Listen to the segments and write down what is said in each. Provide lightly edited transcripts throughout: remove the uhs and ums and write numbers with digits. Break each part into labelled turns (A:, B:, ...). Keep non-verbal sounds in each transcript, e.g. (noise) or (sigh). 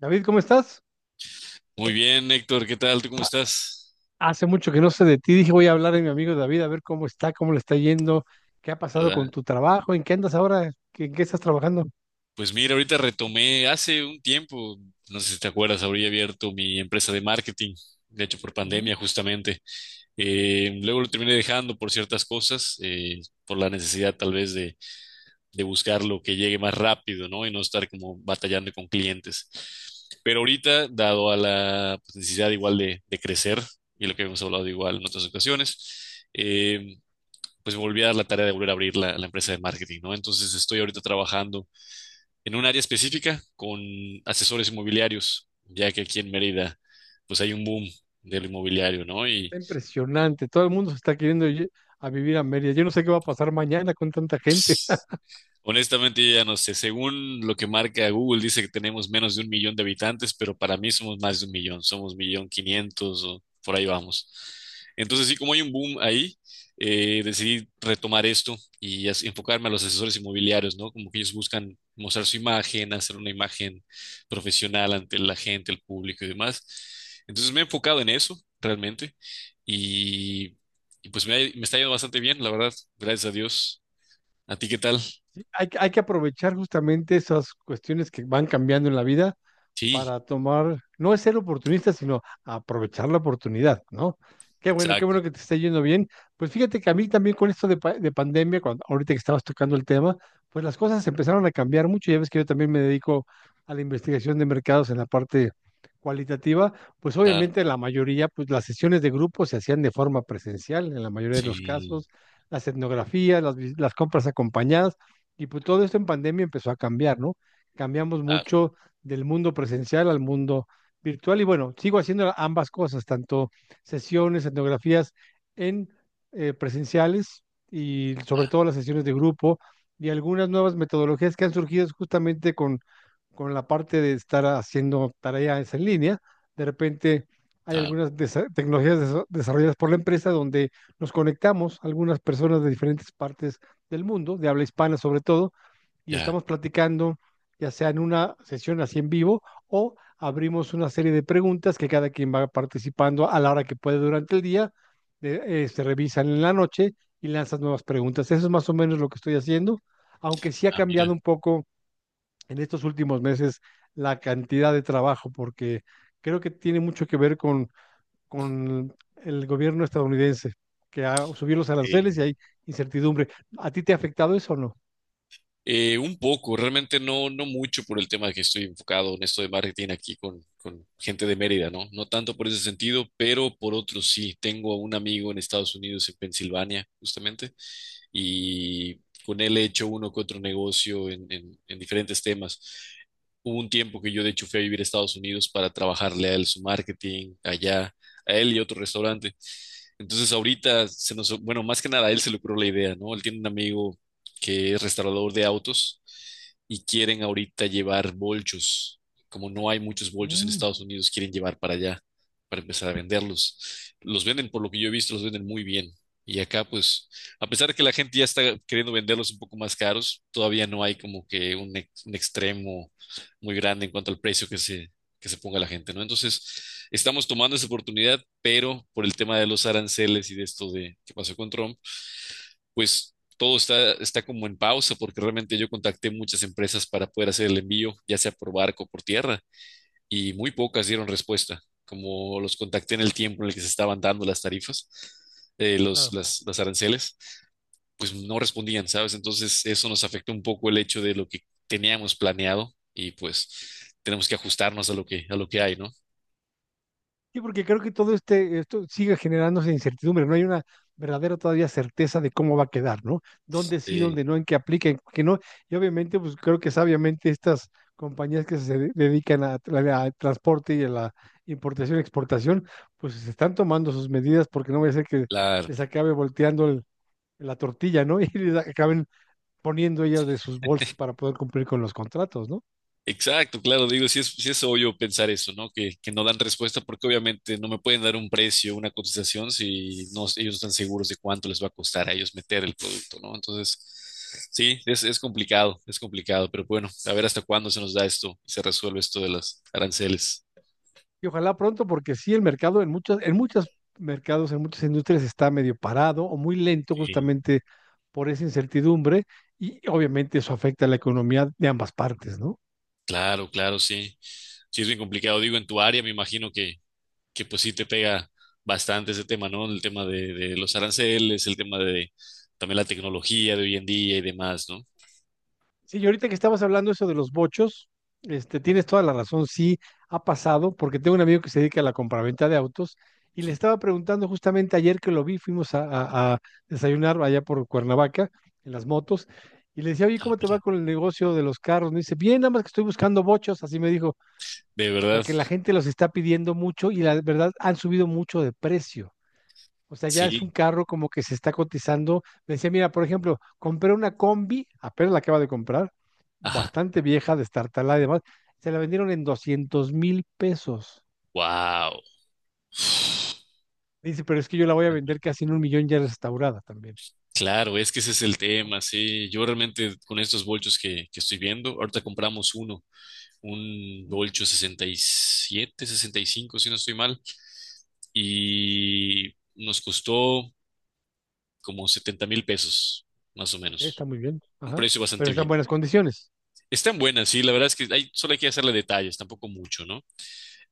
A: David, ¿cómo estás?
B: Muy bien, Héctor, ¿qué tal? ¿Tú cómo
A: Ha-
B: estás?
A: Hace mucho que no sé de ti. Dije, voy a hablar de mi amigo David, a ver cómo está, cómo le está yendo, qué ha pasado con
B: ¿Verdad?
A: tu trabajo, en qué andas ahora, en qué estás trabajando.
B: Pues mira, ahorita retomé hace un tiempo, no sé si te acuerdas, habría abierto mi empresa de marketing, de hecho por
A: Ujú.
B: pandemia justamente. Luego lo terminé dejando por ciertas cosas, por la necesidad tal vez de buscar lo que llegue más rápido, ¿no? Y no estar como batallando con clientes. Pero ahorita, dado a la pues, necesidad igual de crecer y lo que hemos hablado igual en otras ocasiones, eh, pues volví a dar la tarea de volver a abrir la empresa de marketing, ¿no? Entonces estoy ahorita trabajando en un área específica con asesores inmobiliarios, ya que aquí en Mérida, pues hay un boom del inmobiliario, ¿no? Y
A: Está impresionante. Todo el mundo se está queriendo ir a vivir a Mérida. Yo no sé qué va a pasar mañana con tanta gente. (laughs)
B: pues, honestamente, yo ya no sé. Según lo que marca Google, dice que tenemos menos de un millón de habitantes, pero para mí somos más de un millón. Somos millón quinientos o por ahí vamos. Entonces, sí, como hay un boom ahí, decidí retomar esto y enfocarme a los asesores inmobiliarios, ¿no? Como que ellos buscan mostrar su imagen, hacer una imagen profesional ante la gente, el público y demás. Entonces, me he enfocado en eso realmente y, y pues me está yendo bastante bien, la verdad. Gracias a Dios. ¿A ti qué tal?
A: Sí, hay, hay que aprovechar justamente esas cuestiones que van cambiando en la vida
B: Sí.
A: para tomar, no es ser oportunista, sino aprovechar la oportunidad, ¿no? Qué bueno
B: Exacto,
A: que te esté yendo bien. Pues fíjate que a mí también con esto de, de pandemia, cuando, ahorita que estabas tocando el tema, pues las cosas empezaron a cambiar mucho. Ya ves que yo también me dedico a la investigación de mercados en la parte cualitativa, pues
B: claro,
A: obviamente la mayoría, pues las sesiones de grupo se hacían de forma presencial en la mayoría de los
B: sí,
A: casos, las etnografías, las, las compras acompañadas, y pues todo esto en pandemia empezó a cambiar, ¿no? Cambiamos
B: ah,
A: mucho del mundo presencial al mundo virtual. Y bueno, sigo haciendo ambas cosas, tanto sesiones, etnografías en presenciales y sobre
B: ah,
A: todo las sesiones de grupo y algunas nuevas metodologías que han surgido justamente con la parte de estar haciendo tareas en línea. De repente hay
B: ah,
A: algunas tecnologías desarrolladas por la empresa donde nos conectamos algunas personas de diferentes partes del mundo, de habla hispana sobre todo, y
B: ya,
A: estamos platicando, ya sea en una sesión así en vivo o abrimos una serie de preguntas que cada quien va participando a la hora que puede durante el día, se revisan en la noche y lanzas nuevas preguntas. Eso es más o menos lo que estoy haciendo, aunque sí ha
B: ah,
A: cambiado
B: mira,
A: un poco en estos últimos meses la cantidad de trabajo, porque creo que tiene mucho que ver con el gobierno estadounidense, que ha subido los aranceles
B: eh,
A: y hay incertidumbre. ¿A ti te ha afectado eso o no?
B: un poco, realmente no, no mucho por el tema de que estoy enfocado en esto de marketing aquí con gente de Mérida, ¿no? No tanto por ese sentido, pero por otro sí. Tengo a un amigo en Estados Unidos, en Pensilvania, justamente, y con él he hecho uno que otro negocio en diferentes temas. Hubo un tiempo que yo de hecho fui a vivir a Estados Unidos para trabajarle a él su marketing allá, a él y otro restaurante. Entonces ahorita bueno, más que nada a él se le ocurrió la idea, ¿no? Él tiene un amigo que es restaurador de autos, y quieren ahorita llevar bolchos. Como no hay muchos bolchos en
A: Mm.
B: Estados Unidos, quieren llevar para allá, para empezar a venderlos. Los venden, por lo que yo he visto, los venden muy bien. Y acá, pues, a pesar de que la gente ya está queriendo venderlos un poco más caros, todavía no hay como que un extremo muy grande en cuanto al precio que se ponga la gente, ¿no? Entonces, estamos tomando esa oportunidad, pero por el tema de los aranceles y de esto de que pasó con Trump, pues todo está como en pausa porque realmente yo contacté muchas empresas para poder hacer el envío, ya sea por barco o por tierra, y muy pocas dieron respuesta. Como los contacté en el tiempo en el que se estaban dando las tarifas, los,
A: Claro.
B: las, las aranceles, pues no respondían, ¿sabes? Entonces eso nos afectó un poco el hecho de lo que teníamos planeado y pues tenemos que ajustarnos a lo que hay, ¿no?
A: Sí, porque creo que todo este, esto sigue generándose incertidumbre, no hay una verdadera todavía certeza de cómo va a quedar, ¿no? Dónde sí, dónde
B: Eh,
A: no, en qué aplica, en qué no. Y obviamente, pues creo que sabiamente estas compañías que se dedican al transporte y a la importación y exportación, pues se están tomando sus medidas porque no vaya a ser que
B: la
A: les acabe volteando la tortilla, ¿no? (laughs) Y les acaben poniendo ellas de sus bolsas para poder cumplir con los contratos, ¿no?
B: Exacto, claro, digo, si es, sí es obvio pensar eso, ¿no? Que no dan respuesta porque obviamente no me pueden dar un precio, una cotización si no, ellos no están seguros de cuánto les va a costar a ellos meter el producto, ¿no? Entonces, sí, es complicado, es complicado, pero bueno, a ver hasta cuándo se nos da esto y se resuelve esto de los aranceles.
A: Y ojalá pronto, porque sí, el mercado en muchos mercados, en muchas industrias está medio parado o muy lento
B: Sí.
A: justamente por esa incertidumbre y obviamente eso afecta a la economía de ambas partes, ¿no?
B: Claro, claro, sí. Sí, es bien complicado. Digo, en tu área me imagino que pues sí te pega bastante ese tema, ¿no? El tema de los aranceles, el tema de también la tecnología de hoy en día y demás, ¿no?
A: Sí, y ahorita que estabas hablando eso de los bochos, este, tienes toda la razón, sí ha pasado, porque tengo un amigo que se dedica a la compraventa de autos y le estaba preguntando justamente ayer que lo vi, fuimos a, a desayunar allá por Cuernavaca en las motos y le decía, oye,
B: Ah,
A: ¿cómo te
B: mira,
A: va con el negocio de los carros? Me dice, bien, nada más que estoy buscando bochos, así me dijo.
B: de verdad,
A: Porque la gente los está pidiendo mucho y la verdad han subido mucho de precio. O sea, ya es un
B: sí.
A: carro como que se está cotizando. Me decía, mira, por ejemplo, compré una combi, apenas la acaba de comprar,
B: Ajá.
A: bastante vieja, destartalada y demás, se la vendieron en 200,000 pesos.
B: Wow.
A: Dice, pero es que yo la voy a vender casi en un millón ya restaurada también.
B: Claro, es que ese es el tema, sí. Yo realmente con estos bolchos que estoy viendo, ahorita compramos uno, un
A: Ujú.
B: bolcho 67, 65, si no estoy mal, y nos costó como 70 mil pesos, más o
A: Ok, está
B: menos.
A: muy bien.
B: Un
A: Ajá.
B: precio
A: Pero
B: bastante
A: está en
B: bien.
A: buenas condiciones.
B: Están buenas, sí, la verdad es que hay, solo hay que hacerle detalles, tampoco mucho, ¿no?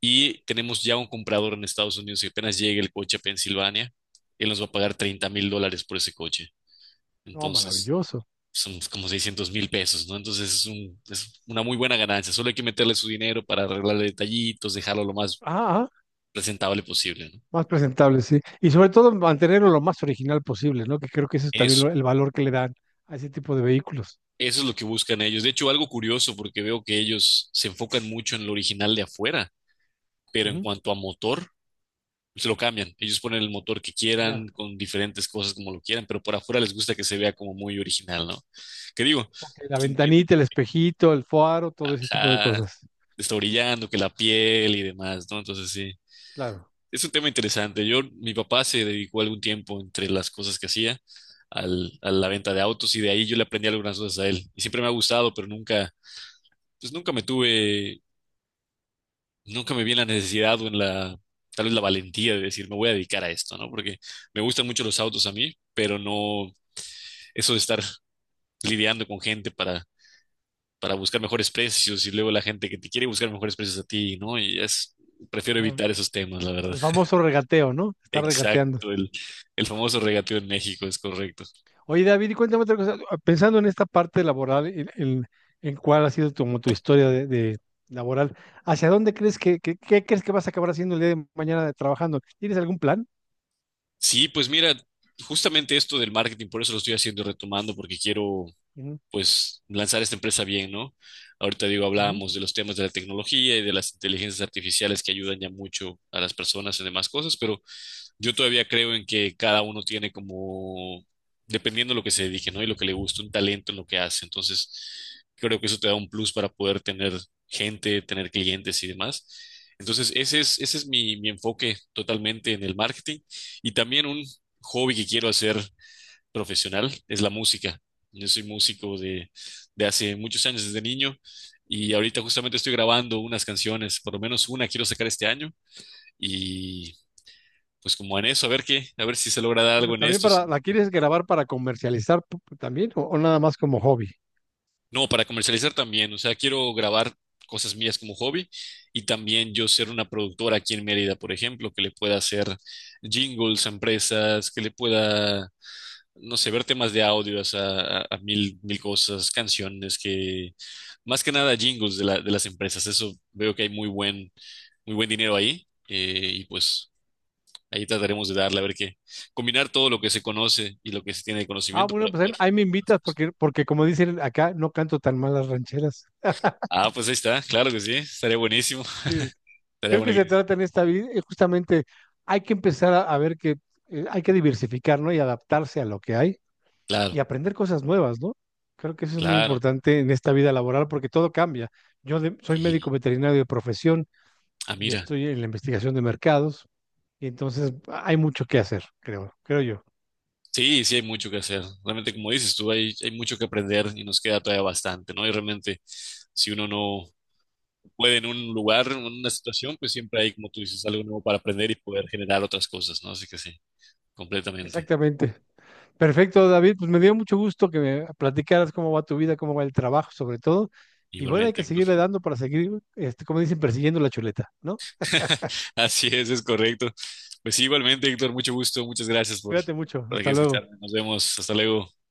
B: Y tenemos ya un comprador en Estados Unidos que apenas llegue el coche a Pensilvania, él nos va a pagar 30,000 dólares por ese coche.
A: No,
B: Entonces,
A: maravilloso.
B: son como 600,000 pesos, ¿no? Entonces, es una muy buena ganancia. Solo hay que meterle su dinero para arreglarle detallitos, dejarlo lo más
A: Ah.
B: presentable posible, ¿no?
A: Más presentable, sí. Y sobre todo mantenerlo lo más original posible, ¿no? Que creo que ese es también
B: Eso,
A: el valor que le dan a ese tipo de vehículos.
B: eso es lo que buscan ellos. De hecho, algo curioso, porque veo que ellos se enfocan mucho en lo original de afuera, pero en
A: Ujú.
B: cuanto a motor, se lo cambian. Ellos ponen el motor que quieran,
A: Ya.
B: con diferentes cosas como lo quieran, pero por afuera les gusta que se vea como muy original, ¿no? Que digo,
A: Ok, la
B: se entiende,
A: ventanita, el espejito, el faro, todo ese tipo de
B: ajá,
A: cosas.
B: está brillando, que la piel y demás, ¿no? Entonces sí,
A: Claro.
B: es un tema interesante. Yo, mi papá se dedicó algún tiempo entre las cosas que hacía a la venta de autos y de ahí yo le aprendí algunas cosas a él. Y siempre me ha gustado, pero nunca, pues nunca me tuve, nunca me vi en la necesidad o tal vez la valentía de decir, me voy a dedicar a esto, ¿no? Porque me gustan mucho los autos a mí, pero no, eso de estar lidiando con gente para buscar mejores precios y luego la gente que te quiere buscar mejores precios a ti, ¿no? Prefiero
A: Ah,
B: evitar esos temas, la verdad.
A: el famoso regateo, ¿no? Está regateando.
B: Exacto, el famoso regateo en México, es correcto.
A: Oye, David, y cuéntame otra cosa. Ah, pensando en esta parte laboral, en, en cuál ha sido como tu historia de laboral, ¿hacia dónde crees que, qué crees que vas a acabar haciendo el día de mañana trabajando? ¿Tienes algún plan?
B: Sí, pues mira, justamente esto del marketing, por eso lo estoy haciendo retomando, porque quiero,
A: Ujú,
B: pues, lanzar esta empresa bien, ¿no? Ahorita digo,
A: ujú.
B: hablábamos de los temas de la tecnología y de las inteligencias artificiales que ayudan ya mucho a las personas en demás cosas, pero yo todavía creo en que cada uno tiene como, dependiendo de lo que se dedique, ¿no? Y lo que le gusta, un talento en lo que hace. Entonces, creo que eso te da un plus para poder tener gente, tener clientes y demás. Entonces, ese es mi enfoque totalmente en el marketing. Y también un hobby que quiero hacer profesional es la música. Yo soy músico de hace muchos años, desde niño. Y ahorita justamente estoy grabando unas canciones, por lo menos una quiero sacar este año. Y pues como en eso, a ver qué, a ver si se logra dar
A: Bueno,
B: algo en
A: también
B: esto. Si
A: para,
B: no,
A: ¿la quieres
B: pues,
A: grabar para comercializar también o nada más como hobby?
B: no, para comercializar también, o sea, quiero grabar cosas mías como hobby y también yo ser una productora aquí en Mérida, por ejemplo, que le pueda hacer jingles a empresas, que le pueda, no sé, ver temas de audio, o sea, a mil, mil cosas, canciones, que más que nada jingles de las empresas, eso veo que hay muy buen dinero ahí, y pues ahí trataremos de darle, a ver qué. Combinar todo lo que se conoce y lo que se tiene de
A: Ah,
B: conocimiento para
A: bueno, pues ahí,
B: poder.
A: ahí me invitas porque, porque como dicen acá, no canto tan mal las rancheras.
B: Ah, pues ahí está, claro que sí, estaría buenísimo.
A: Sí,
B: (laughs) Estaría
A: creo que
B: buena
A: se
B: que-
A: trata en esta vida, justamente hay que empezar a ver que hay que diversificar, ¿no? Y adaptarse a lo que hay
B: Claro,
A: y aprender cosas nuevas, ¿no? Creo que eso es muy
B: claro.
A: importante en esta vida laboral porque todo cambia. Yo soy médico
B: Y,
A: veterinario de profesión
B: ah,
A: y
B: mira,
A: estoy en la investigación de mercados y entonces hay mucho que hacer, creo, creo yo.
B: sí, sí hay mucho que hacer. Realmente, como dices tú, hay mucho que aprender y nos queda todavía bastante, ¿no? Y realmente, si uno no puede en un lugar, en una situación, pues siempre hay, como tú dices, algo nuevo para aprender y poder generar otras cosas, ¿no? Así que sí, completamente.
A: Exactamente. Perfecto, David. Pues me dio mucho gusto que me platicaras cómo va tu vida, cómo va el trabajo, sobre todo. Y bueno, hay que
B: Igualmente.
A: seguirle dando para seguir, este, como dicen, persiguiendo la chuleta, ¿no?
B: (laughs) Así es, correcto. Pues sí, igualmente, Héctor, mucho gusto, muchas gracias por,
A: Cuídate mucho.
B: aquí
A: Hasta luego.
B: escucharme. Nos vemos, hasta luego.